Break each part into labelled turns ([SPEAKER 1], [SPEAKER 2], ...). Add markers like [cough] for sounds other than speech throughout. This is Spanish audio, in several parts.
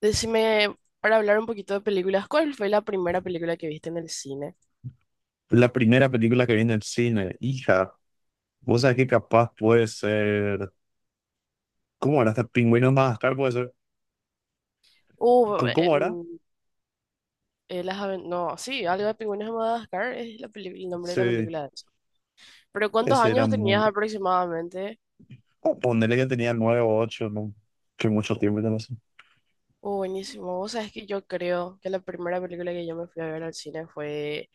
[SPEAKER 1] Decime, para hablar un poquito de películas, ¿cuál fue la primera película que viste en el cine?
[SPEAKER 2] La primera película que vi en el cine, hija, vos sabés que capaz puede ser. ¿Cómo era? Hasta Pingüinos Madagascar puede ser.
[SPEAKER 1] Uh,
[SPEAKER 2] ¿Con
[SPEAKER 1] eh,
[SPEAKER 2] cómo era?
[SPEAKER 1] mm, no, sí, algo de Pingüinos de Madagascar es la el nombre de la
[SPEAKER 2] Sí,
[SPEAKER 1] película de eso. Pero ¿cuántos
[SPEAKER 2] ese era
[SPEAKER 1] años tenías
[SPEAKER 2] muy.
[SPEAKER 1] aproximadamente?
[SPEAKER 2] Oh, Ponele que tenía nueve o ocho, ¿no? Que mucho tiempo ya no sé.
[SPEAKER 1] Buenísimo. Vos sabés que yo creo que la primera película que yo me fui a ver al cine fue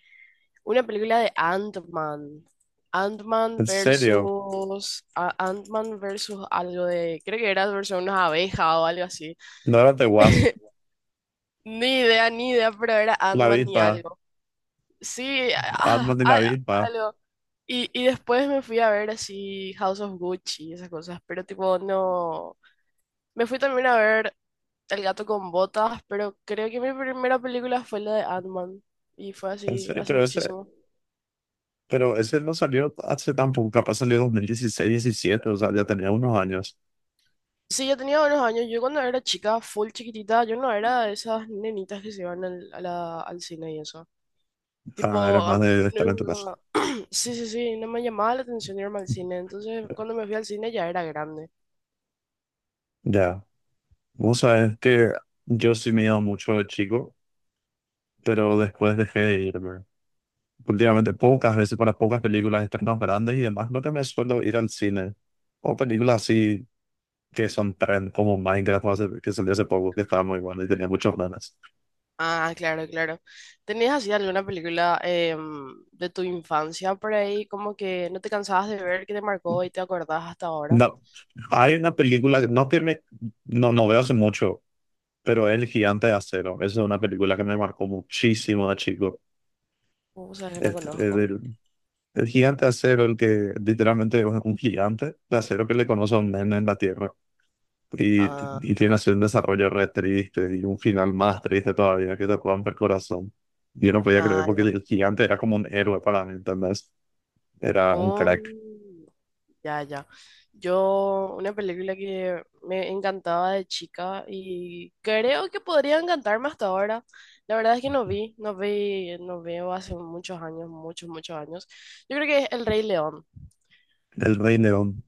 [SPEAKER 1] una película de Ant-Man. Ant-Man
[SPEAKER 2] En serio,
[SPEAKER 1] versus Ant-Man versus algo de. Creo que era versus unas abejas o algo así.
[SPEAKER 2] no era de Wasp,
[SPEAKER 1] [laughs] Ni idea, ni idea, pero era
[SPEAKER 2] la
[SPEAKER 1] Ant-Man y
[SPEAKER 2] avispa,
[SPEAKER 1] algo. Sí, ah,
[SPEAKER 2] Ant-Man de la
[SPEAKER 1] ah,
[SPEAKER 2] avispa.
[SPEAKER 1] algo. Y después me fui a ver así House of Gucci y esas cosas, pero tipo no. Me fui también a ver El gato con botas, pero creo que mi primera película fue la de Ant-Man y fue
[SPEAKER 2] En
[SPEAKER 1] así
[SPEAKER 2] serio,
[SPEAKER 1] hace muchísimo.
[SPEAKER 2] pero ese no salió hace tan poco, capaz salió en 2016, 17, o sea, ya tenía unos años.
[SPEAKER 1] Sí, yo tenía unos años. Yo, cuando era chica, full chiquitita, yo no era de esas nenitas que se iban al cine y eso.
[SPEAKER 2] Ah,
[SPEAKER 1] Tipo,
[SPEAKER 2] era más de estar en tu casa.
[SPEAKER 1] nunca. Sí, sí, sí, no me llamaba la atención irme al cine. Entonces, cuando me fui al cine, ya era grande.
[SPEAKER 2] Ya, vos sabés que yo sí me he ido mucho de chico, pero después dejé de irme. Últimamente pocas veces para pocas películas estrenos grandes y demás, no que me suelo ir al cine. O películas así que son trend, como Minecraft, o que salió hace poco, que estaba muy bueno y tenía muchas ganas.
[SPEAKER 1] Ah, claro, claro. ¿Tenías así alguna película, de tu infancia por ahí, como que no te cansabas de ver, que te marcó y te acordás hasta ahora?
[SPEAKER 2] No, hay una película, que no tiene no, no veo hace mucho, pero El Gigante de Acero. Esa es una película que me marcó muchísimo de chico.
[SPEAKER 1] O sea, que no
[SPEAKER 2] Este,
[SPEAKER 1] conozco.
[SPEAKER 2] el, el- Gigante de Acero, el que literalmente es un gigante de acero que le conoce a un nene en la Tierra. Y,
[SPEAKER 1] Ah,
[SPEAKER 2] y tiene así un desarrollo re triste y un final más triste todavía que te rompe el corazón. Yo no podía creer
[SPEAKER 1] ah,
[SPEAKER 2] porque
[SPEAKER 1] ya.
[SPEAKER 2] el gigante era como un héroe para mí, ¿entendés? Era un
[SPEAKER 1] Oh.
[SPEAKER 2] crack.
[SPEAKER 1] Ya, ya. Yo, una película que me encantaba de chica y creo que podría encantarme hasta ahora. La verdad es que no vi, no vi, no veo hace muchos años, muchos, muchos años. Yo creo que es El Rey León.
[SPEAKER 2] El Rey León.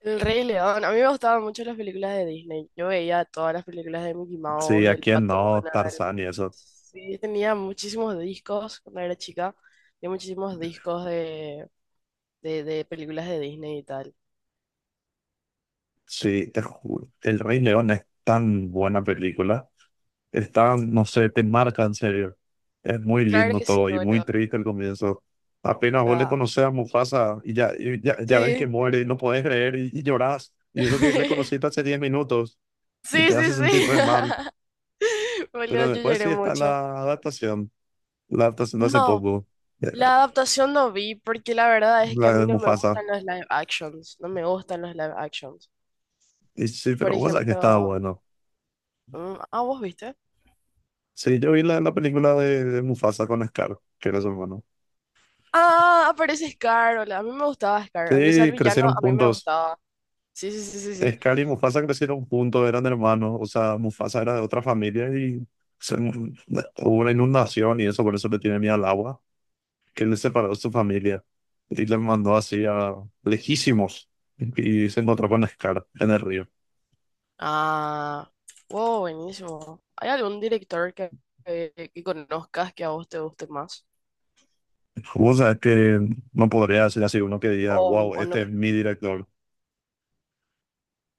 [SPEAKER 1] El Rey León. A mí me gustaban mucho las películas de Disney. Yo veía todas las películas de Mickey Mouse,
[SPEAKER 2] Sí, ¿a
[SPEAKER 1] del
[SPEAKER 2] quién
[SPEAKER 1] Pato
[SPEAKER 2] no?
[SPEAKER 1] Donald.
[SPEAKER 2] Tarzán y eso.
[SPEAKER 1] Sí, tenía muchísimos discos cuando era chica. Tenía muchísimos discos de, de películas de Disney y tal.
[SPEAKER 2] Sí, te juro. El Rey León es tan buena película. Están, no sé, te marca en serio. Es muy
[SPEAKER 1] Claro
[SPEAKER 2] lindo
[SPEAKER 1] que sí,
[SPEAKER 2] todo y muy
[SPEAKER 1] bueno, o
[SPEAKER 2] triste el comienzo. Apenas vos le
[SPEAKER 1] sea,
[SPEAKER 2] conoces a Mufasa ya ves que
[SPEAKER 1] sí.
[SPEAKER 2] muere y no podés creer y llorás. Y eso que le conociste
[SPEAKER 1] [laughs]
[SPEAKER 2] hace 10 minutos y
[SPEAKER 1] Sí,
[SPEAKER 2] te
[SPEAKER 1] sí,
[SPEAKER 2] hace sentir re
[SPEAKER 1] sí.
[SPEAKER 2] mal.
[SPEAKER 1] [laughs] Boludo,
[SPEAKER 2] Pero
[SPEAKER 1] yo
[SPEAKER 2] después
[SPEAKER 1] lloré
[SPEAKER 2] sí está
[SPEAKER 1] mucho.
[SPEAKER 2] la adaptación. La adaptación de hace
[SPEAKER 1] No,
[SPEAKER 2] poco. eh,
[SPEAKER 1] la adaptación no vi porque la verdad es que a
[SPEAKER 2] La
[SPEAKER 1] mí
[SPEAKER 2] de
[SPEAKER 1] no me
[SPEAKER 2] Mufasa.
[SPEAKER 1] gustan los live actions. No me gustan los live actions.
[SPEAKER 2] Y sí,
[SPEAKER 1] Por
[SPEAKER 2] pero bueno, que estaba
[SPEAKER 1] ejemplo,
[SPEAKER 2] bueno.
[SPEAKER 1] ¿vos viste?
[SPEAKER 2] Sí, yo vi la película de Mufasa con Scar, que era su hermano.
[SPEAKER 1] Ah, aparece Scar. Hola, a mí me gustaba Scar. Aunque sea el
[SPEAKER 2] Sí,
[SPEAKER 1] villano,
[SPEAKER 2] crecieron
[SPEAKER 1] a mí me
[SPEAKER 2] juntos.
[SPEAKER 1] gustaba. Sí, sí, sí, sí, sí.
[SPEAKER 2] Es y Mufasa crecieron juntos, eran hermanos, o sea, Mufasa era de otra familia y hubo una inundación y eso, por eso le tiene miedo al agua, que él le separó de su familia y le mandó así a lejísimos y se encontró con Scar en el río.
[SPEAKER 1] Ah, wow, buenísimo. ¿Hay algún director que conozcas que a vos te guste más?
[SPEAKER 2] O sea, es que no podría decir así uno que diga,
[SPEAKER 1] O,
[SPEAKER 2] wow,
[SPEAKER 1] o
[SPEAKER 2] este
[SPEAKER 1] no.
[SPEAKER 2] es mi director,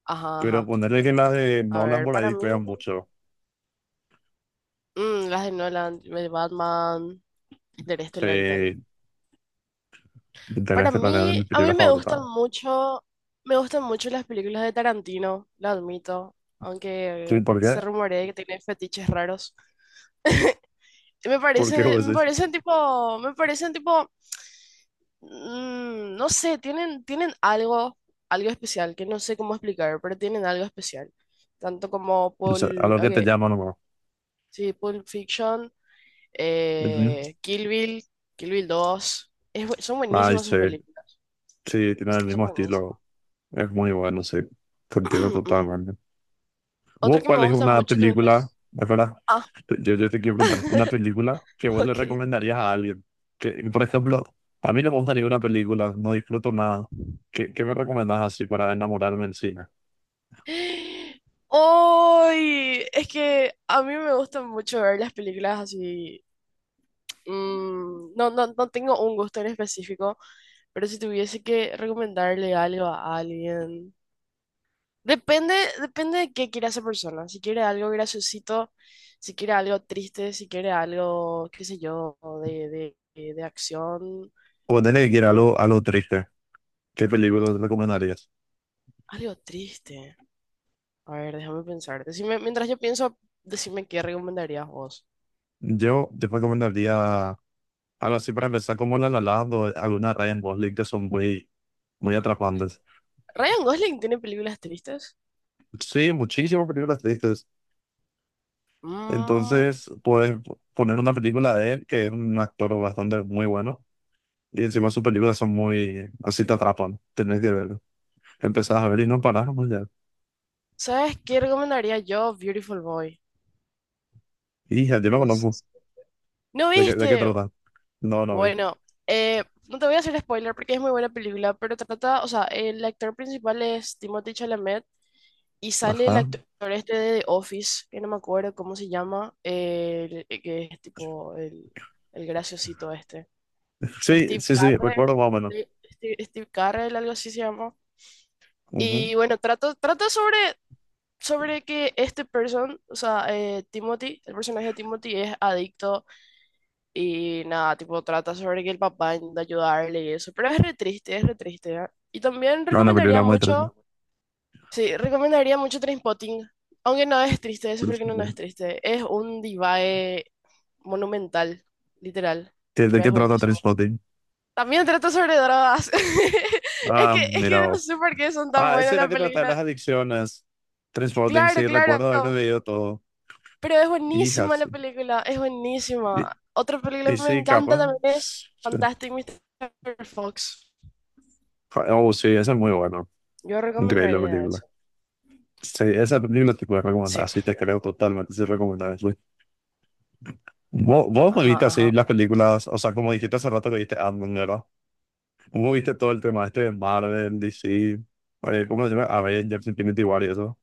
[SPEAKER 1] Ajá,
[SPEAKER 2] pero
[SPEAKER 1] ajá.
[SPEAKER 2] ponerle que la de
[SPEAKER 1] A
[SPEAKER 2] Nolan
[SPEAKER 1] ver,
[SPEAKER 2] por
[SPEAKER 1] para
[SPEAKER 2] ahí
[SPEAKER 1] mí.
[SPEAKER 2] pegan mucho,
[SPEAKER 1] Las de Nolan, de Batman, Interestelar y tal.
[SPEAKER 2] sí, tenés
[SPEAKER 1] Para
[SPEAKER 2] que tener
[SPEAKER 1] mí,
[SPEAKER 2] mi
[SPEAKER 1] a
[SPEAKER 2] película
[SPEAKER 1] mí
[SPEAKER 2] favorita.
[SPEAKER 1] me gustan mucho las películas de Tarantino, lo admito, aunque
[SPEAKER 2] ¿Sí? ¿Por qué?
[SPEAKER 1] se rumorea que tiene fetiches raros. Y me
[SPEAKER 2] ¿Por qué
[SPEAKER 1] parece,
[SPEAKER 2] vos decís?
[SPEAKER 1] me parecen tipo, no sé, tienen algo, algo especial, que no sé cómo explicar, pero tienen algo especial. Tanto como
[SPEAKER 2] O sea, a
[SPEAKER 1] Pulp,
[SPEAKER 2] lo que te
[SPEAKER 1] ok,
[SPEAKER 2] llama nomás.
[SPEAKER 1] sí, Pulp Fiction.
[SPEAKER 2] Ujú.
[SPEAKER 1] Kill Bill, Kill Bill 2. Son
[SPEAKER 2] Ay,
[SPEAKER 1] buenísimas
[SPEAKER 2] sí,
[SPEAKER 1] sus películas,
[SPEAKER 2] sí, tiene el
[SPEAKER 1] son
[SPEAKER 2] mismo
[SPEAKER 1] buenísimas.
[SPEAKER 2] estilo. Es muy bueno, sí. Contigo
[SPEAKER 1] [clears throat]
[SPEAKER 2] totalmente.
[SPEAKER 1] Otro
[SPEAKER 2] ¿Vos
[SPEAKER 1] que me
[SPEAKER 2] cuál es
[SPEAKER 1] gusta
[SPEAKER 2] una
[SPEAKER 1] mucho también
[SPEAKER 2] película,
[SPEAKER 1] es.
[SPEAKER 2] es verdad,
[SPEAKER 1] Ah,
[SPEAKER 2] yo te quiero preguntar, una película que
[SPEAKER 1] [laughs]
[SPEAKER 2] vos le
[SPEAKER 1] ok.
[SPEAKER 2] recomendarías a alguien. Que, por ejemplo, a mí no me gusta ninguna película, no disfruto nada. Qué me recomendás así para enamorarme en cine?
[SPEAKER 1] ¡Ay! Es que a mí me gusta mucho ver las películas así. No, no, no tengo un gusto en específico, pero si tuviese que recomendarle algo a alguien. Depende, depende de qué quiera esa persona. Si quiere algo graciosito, si quiere algo triste, si quiere algo, qué sé yo, de acción.
[SPEAKER 2] Ponele que quiera
[SPEAKER 1] mm,
[SPEAKER 2] algo triste. ¿Qué película te recomendarías?
[SPEAKER 1] Algo triste. A ver, déjame pensar. Decime, mientras yo pienso, decime qué recomendarías vos.
[SPEAKER 2] Yo te recomendaría algo así para empezar, como la La Land o alguna Rainbow League que son muy, muy atrapantes.
[SPEAKER 1] ¿Ryan Gosling tiene películas tristes?
[SPEAKER 2] Sí, muchísimas películas tristes.
[SPEAKER 1] Mm,
[SPEAKER 2] Entonces, puedes poner una película de él, que es un actor bastante muy bueno, y encima sus películas son muy, así te atrapan, tenés que verlo. Empezás a ver y no parás, pues ya.
[SPEAKER 1] ¿Sabes qué recomendaría yo? Beautiful Boy.
[SPEAKER 2] Y ya yo me
[SPEAKER 1] No sé
[SPEAKER 2] conozco.
[SPEAKER 1] ¿No
[SPEAKER 2] De qué
[SPEAKER 1] viste?
[SPEAKER 2] trata? No, no vi.
[SPEAKER 1] Bueno, no te voy a hacer spoiler porque es muy buena película, pero trata, o sea, el actor principal es Timothée Chalamet. Y sale el
[SPEAKER 2] Ajá.
[SPEAKER 1] actor este de The Office, que no me acuerdo cómo se llama, que es tipo el graciosito este.
[SPEAKER 2] Sí,
[SPEAKER 1] Steve
[SPEAKER 2] sí, sí,
[SPEAKER 1] Carrell,
[SPEAKER 2] recuerdo más o menos.
[SPEAKER 1] sí, Steve Carrell, algo así se llama.
[SPEAKER 2] Ujú.
[SPEAKER 1] Y bueno, trata sobre, que o sea, Timothy, el personaje de Timothy es adicto, y nada, tipo trata sobre que el papá intenta ayudarle y eso. Pero es re triste, ¿eh? Y también
[SPEAKER 2] No, una
[SPEAKER 1] recomendaría
[SPEAKER 2] película muy triste.
[SPEAKER 1] mucho. Sí, recomendaría mucho Trainspotting, aunque no es triste, eso porque no, no es triste. Es un divae monumental, literal,
[SPEAKER 2] De
[SPEAKER 1] pero es
[SPEAKER 2] qué trata
[SPEAKER 1] buenísimo.
[SPEAKER 2] Trainspotting?
[SPEAKER 1] También trata sobre drogas. [laughs] Es
[SPEAKER 2] Ah,
[SPEAKER 1] que, es que
[SPEAKER 2] mira,
[SPEAKER 1] no sé por qué son tan
[SPEAKER 2] ah, eso
[SPEAKER 1] buenas
[SPEAKER 2] era
[SPEAKER 1] las
[SPEAKER 2] que tratar
[SPEAKER 1] películas.
[SPEAKER 2] las adicciones. Transporting,
[SPEAKER 1] Claro,
[SPEAKER 2] sí,
[SPEAKER 1] claro,
[SPEAKER 2] recuerdo haber leído todo.
[SPEAKER 1] pero es
[SPEAKER 2] Y
[SPEAKER 1] buenísima la
[SPEAKER 2] Hudson.
[SPEAKER 1] película, es
[SPEAKER 2] Y,
[SPEAKER 1] buenísima. Otra película
[SPEAKER 2] y
[SPEAKER 1] que me
[SPEAKER 2] sí,
[SPEAKER 1] encanta
[SPEAKER 2] capaz.
[SPEAKER 1] también es
[SPEAKER 2] Sí.
[SPEAKER 1] Fantastic Mr. Fox.
[SPEAKER 2] Oh, sí, esa es muy buena.
[SPEAKER 1] Yo Ah, ok,
[SPEAKER 2] Increíble
[SPEAKER 1] recomendaría, ok, eso.
[SPEAKER 2] película. Sí, esa película te puedo
[SPEAKER 1] Sí,
[SPEAKER 2] recomendar. Sí, te creo totalmente. Sí, recomendable. Sí. Vos me
[SPEAKER 1] ajá,
[SPEAKER 2] viste así
[SPEAKER 1] ajá.
[SPEAKER 2] las películas? O sea, como dijiste hace rato que viste Ant-Man, ¿verdad? ¿Cómo viste todo el tema este de Marvel, DC? Oye, ¿cómo se llama? Avengers, Infinity War y eso.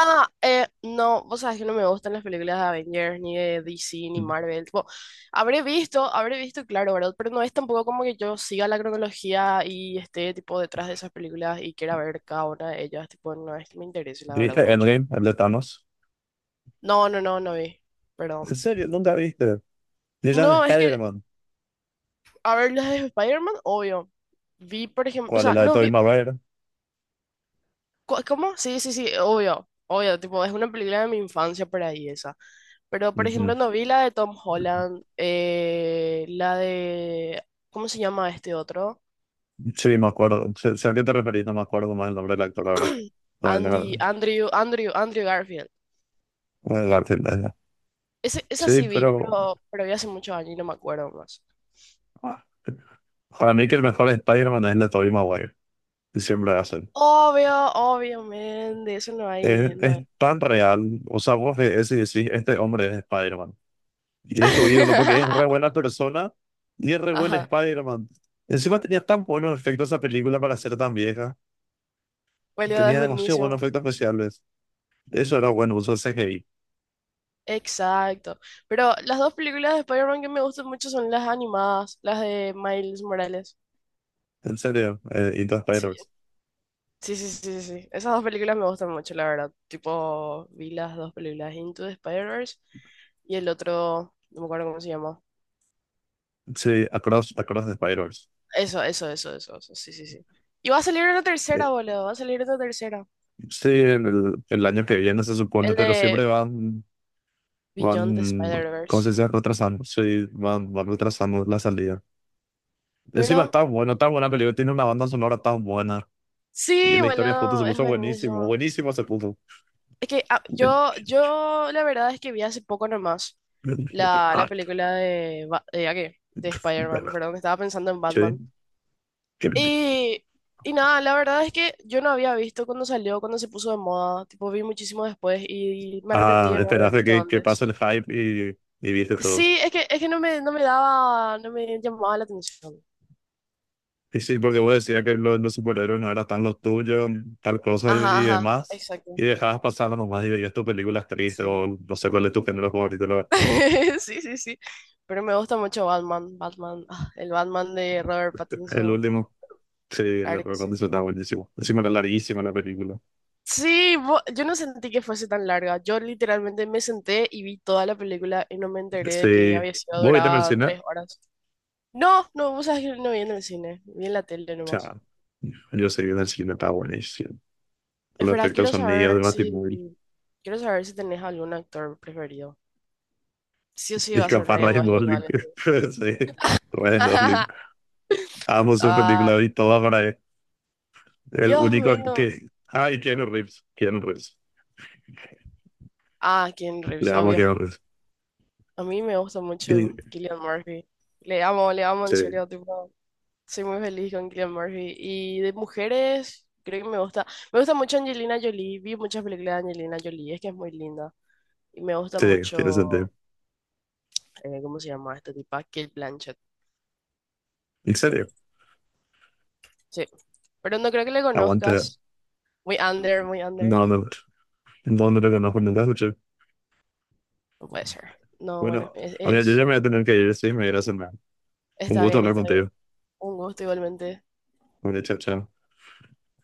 [SPEAKER 1] Ah, no, vos sabés que no me gustan las películas de Avengers, ni de DC, ni Marvel. Tipo, habré visto, claro, ¿verdad? Pero no es tampoco como que yo siga la cronología y esté, tipo, detrás de esas películas y quiera ver cada una de ellas. Tipo, no es que me interese, la verdad,
[SPEAKER 2] ¿Viste
[SPEAKER 1] mucho.
[SPEAKER 2] Endgame, el de Thanos?
[SPEAKER 1] No, no, no, no vi.
[SPEAKER 2] ¿En
[SPEAKER 1] Perdón.
[SPEAKER 2] serio? ¿Nunca viste? Ni la de
[SPEAKER 1] No, es
[SPEAKER 2] spider.
[SPEAKER 1] que, a ver, las de Spider-Man, obvio. Vi, por ejemplo, o
[SPEAKER 2] ¿Cuál es
[SPEAKER 1] sea,
[SPEAKER 2] la de
[SPEAKER 1] no
[SPEAKER 2] Tobey
[SPEAKER 1] vi.
[SPEAKER 2] Maguire?
[SPEAKER 1] ¿Cómo? Sí, sí, sí, obvio, obvio, tipo, es una película de mi infancia por ahí esa. Pero, por
[SPEAKER 2] Ujú.
[SPEAKER 1] ejemplo, no vi la de Tom Holland, la de, ¿cómo se llama este otro?
[SPEAKER 2] Sí, me acuerdo. Sé a qué te referís, no me acuerdo más el nombre del actor ahora. Todavía
[SPEAKER 1] Andy,
[SPEAKER 2] tengo
[SPEAKER 1] Andrew, Andrew, Andrew Garfield.
[SPEAKER 2] el cartel de.
[SPEAKER 1] Ese, esa
[SPEAKER 2] Sí,
[SPEAKER 1] sí vi,
[SPEAKER 2] pero
[SPEAKER 1] pero vi hace muchos años y no me acuerdo más.
[SPEAKER 2] ah, para mí que el mejor Spider-Man es el de Tobey Maguire. Que siempre hacen.
[SPEAKER 1] Obvio, obviamente, eso no hay, no
[SPEAKER 2] Es
[SPEAKER 1] hay.
[SPEAKER 2] tan real. O sea, vos ves y decís, este hombre es Spider-Man. Y es tu ídolo porque es re
[SPEAKER 1] [laughs]
[SPEAKER 2] buena persona y es re buen
[SPEAKER 1] Ajá,
[SPEAKER 2] Spider-Man. Encima tenía tan buenos efectos esa película para ser tan vieja.
[SPEAKER 1] boludo, es
[SPEAKER 2] Tenía demasiado buenos
[SPEAKER 1] buenísimo.
[SPEAKER 2] efectos especiales. Eso era bueno, uso CGI.
[SPEAKER 1] Exacto. Pero las dos películas de Spider-Man que me gustan mucho son las animadas, las de Miles Morales.
[SPEAKER 2] En serio, y todo
[SPEAKER 1] Sí,
[SPEAKER 2] Spider-Verse.
[SPEAKER 1] sí, sí, sí, sí, sí. Esas dos películas me gustan mucho, la verdad. Tipo, vi las dos películas, Into the Spider-Verse, y el otro, no me acuerdo cómo se llama.
[SPEAKER 2] Sí, Across the Spider-Verse.
[SPEAKER 1] Eso, sí, sí, sí. Y va a salir una
[SPEAKER 2] Eh,
[SPEAKER 1] tercera, boludo, va a salir una tercera.
[SPEAKER 2] Sí, en el año que viene se supone,
[SPEAKER 1] El
[SPEAKER 2] pero siempre
[SPEAKER 1] de
[SPEAKER 2] van,
[SPEAKER 1] Beyond the
[SPEAKER 2] van, ¿cómo se
[SPEAKER 1] Spider-Verse.
[SPEAKER 2] dice? Retrasando. Sí, van, van retrasando la salida.
[SPEAKER 1] Pero,
[SPEAKER 2] Encima está bueno, tan buena película, tiene una banda sonora tan buena. Y
[SPEAKER 1] sí,
[SPEAKER 2] la historia justo se
[SPEAKER 1] boludo, es
[SPEAKER 2] puso buenísimo,
[SPEAKER 1] buenísimo.
[SPEAKER 2] buenísimo se puso.
[SPEAKER 1] Es que yo, la verdad es que vi hace poco nomás la película de, ¿a qué? De Spider-Man, perdón, estaba pensando en
[SPEAKER 2] Sí.
[SPEAKER 1] Batman. Y, y nada, la verdad es que yo no había visto cuando salió, cuando se puso de moda, tipo vi muchísimo después y me arrepentí
[SPEAKER 2] Ah,
[SPEAKER 1] de no haber
[SPEAKER 2] esperaste
[SPEAKER 1] visto
[SPEAKER 2] que pase
[SPEAKER 1] antes.
[SPEAKER 2] el hype y viste todo.
[SPEAKER 1] Sí, es que no me, no me daba, no me llamaba la atención.
[SPEAKER 2] Sí, sí, porque vos decías que los superhéroes no eran tan los tuyos, tal cosa
[SPEAKER 1] Ajá,
[SPEAKER 2] y
[SPEAKER 1] ajá,
[SPEAKER 2] demás,
[SPEAKER 1] exacto,
[SPEAKER 2] y dejabas pasando nomás y veías tus películas tristes,
[SPEAKER 1] sí.
[SPEAKER 2] o no sé cuál es tu género favorito, la verdad.
[SPEAKER 1] [laughs] Sí, sí, sí. Pero me gusta mucho Batman, Batman, el Batman de Robert
[SPEAKER 2] El
[SPEAKER 1] Pattinson,
[SPEAKER 2] último, sí, el
[SPEAKER 1] claro que
[SPEAKER 2] recuerdo
[SPEAKER 1] sí.
[SPEAKER 2] está buenísimo. Encima era larguísima la película.
[SPEAKER 1] Sí, yo no sentí que fuese tan larga. Yo literalmente me senté y vi toda la película y no me enteré de que
[SPEAKER 2] Sí,
[SPEAKER 1] había sido
[SPEAKER 2] vos viste en el
[SPEAKER 1] duraba
[SPEAKER 2] cine, o
[SPEAKER 1] 3 horas. No, no, vos sabés que no vi en el cine, vi en la tele nomás.
[SPEAKER 2] sea, yo sé que en el cine está buenísimo. Con
[SPEAKER 1] Es
[SPEAKER 2] los
[SPEAKER 1] verdad,
[SPEAKER 2] efectos
[SPEAKER 1] quiero
[SPEAKER 2] sonidos de
[SPEAKER 1] saber
[SPEAKER 2] Batimóvil,
[SPEAKER 1] si, quiero saber si tenés algún actor preferido. Sí o sí
[SPEAKER 2] y
[SPEAKER 1] va a ser
[SPEAKER 2] capaz
[SPEAKER 1] Ryan
[SPEAKER 2] Ryan
[SPEAKER 1] Gosling o
[SPEAKER 2] Gosling,
[SPEAKER 1] alguien así.
[SPEAKER 2] [laughs] sí, Ryan Gosling.
[SPEAKER 1] [laughs]
[SPEAKER 2] Amo su
[SPEAKER 1] Ah,
[SPEAKER 2] película y toda para él. El
[SPEAKER 1] Dios
[SPEAKER 2] único
[SPEAKER 1] mío.
[SPEAKER 2] que. Ah, y Keanu Reeves, Keanu Reeves.
[SPEAKER 1] Ah, Keanu
[SPEAKER 2] Le
[SPEAKER 1] Reeves,
[SPEAKER 2] vamos a
[SPEAKER 1] obvio.
[SPEAKER 2] quedar.
[SPEAKER 1] A mí me gusta mucho
[SPEAKER 2] Sí,
[SPEAKER 1] Killian Murphy. Le amo en
[SPEAKER 2] sí,
[SPEAKER 1] serio, tipo, soy muy feliz con Killian Murphy. Y de mujeres, creo que me gusta, mucho Angelina Jolie. Vi muchas películas de Angelina Jolie, es que es muy linda. Y me gusta
[SPEAKER 2] sí, tiene sentido.
[SPEAKER 1] mucho, ¿cómo se llama esta tipa? Kate Blanchett.
[SPEAKER 2] En serio,
[SPEAKER 1] Sí, pero no creo que le
[SPEAKER 2] aguante.
[SPEAKER 1] conozcas. Muy under, muy under.
[SPEAKER 2] No, no, no, no, no, no, no, no,
[SPEAKER 1] No puede ser. No, bueno,
[SPEAKER 2] bueno, ahora yo ya me
[SPEAKER 1] es-
[SPEAKER 2] voy a tener que ir, sí, me voy a ir a cenar. Un
[SPEAKER 1] Está
[SPEAKER 2] gusto
[SPEAKER 1] bien,
[SPEAKER 2] hablar
[SPEAKER 1] está bien.
[SPEAKER 2] contigo.
[SPEAKER 1] Un gusto igualmente.
[SPEAKER 2] Bueno, chao, chao.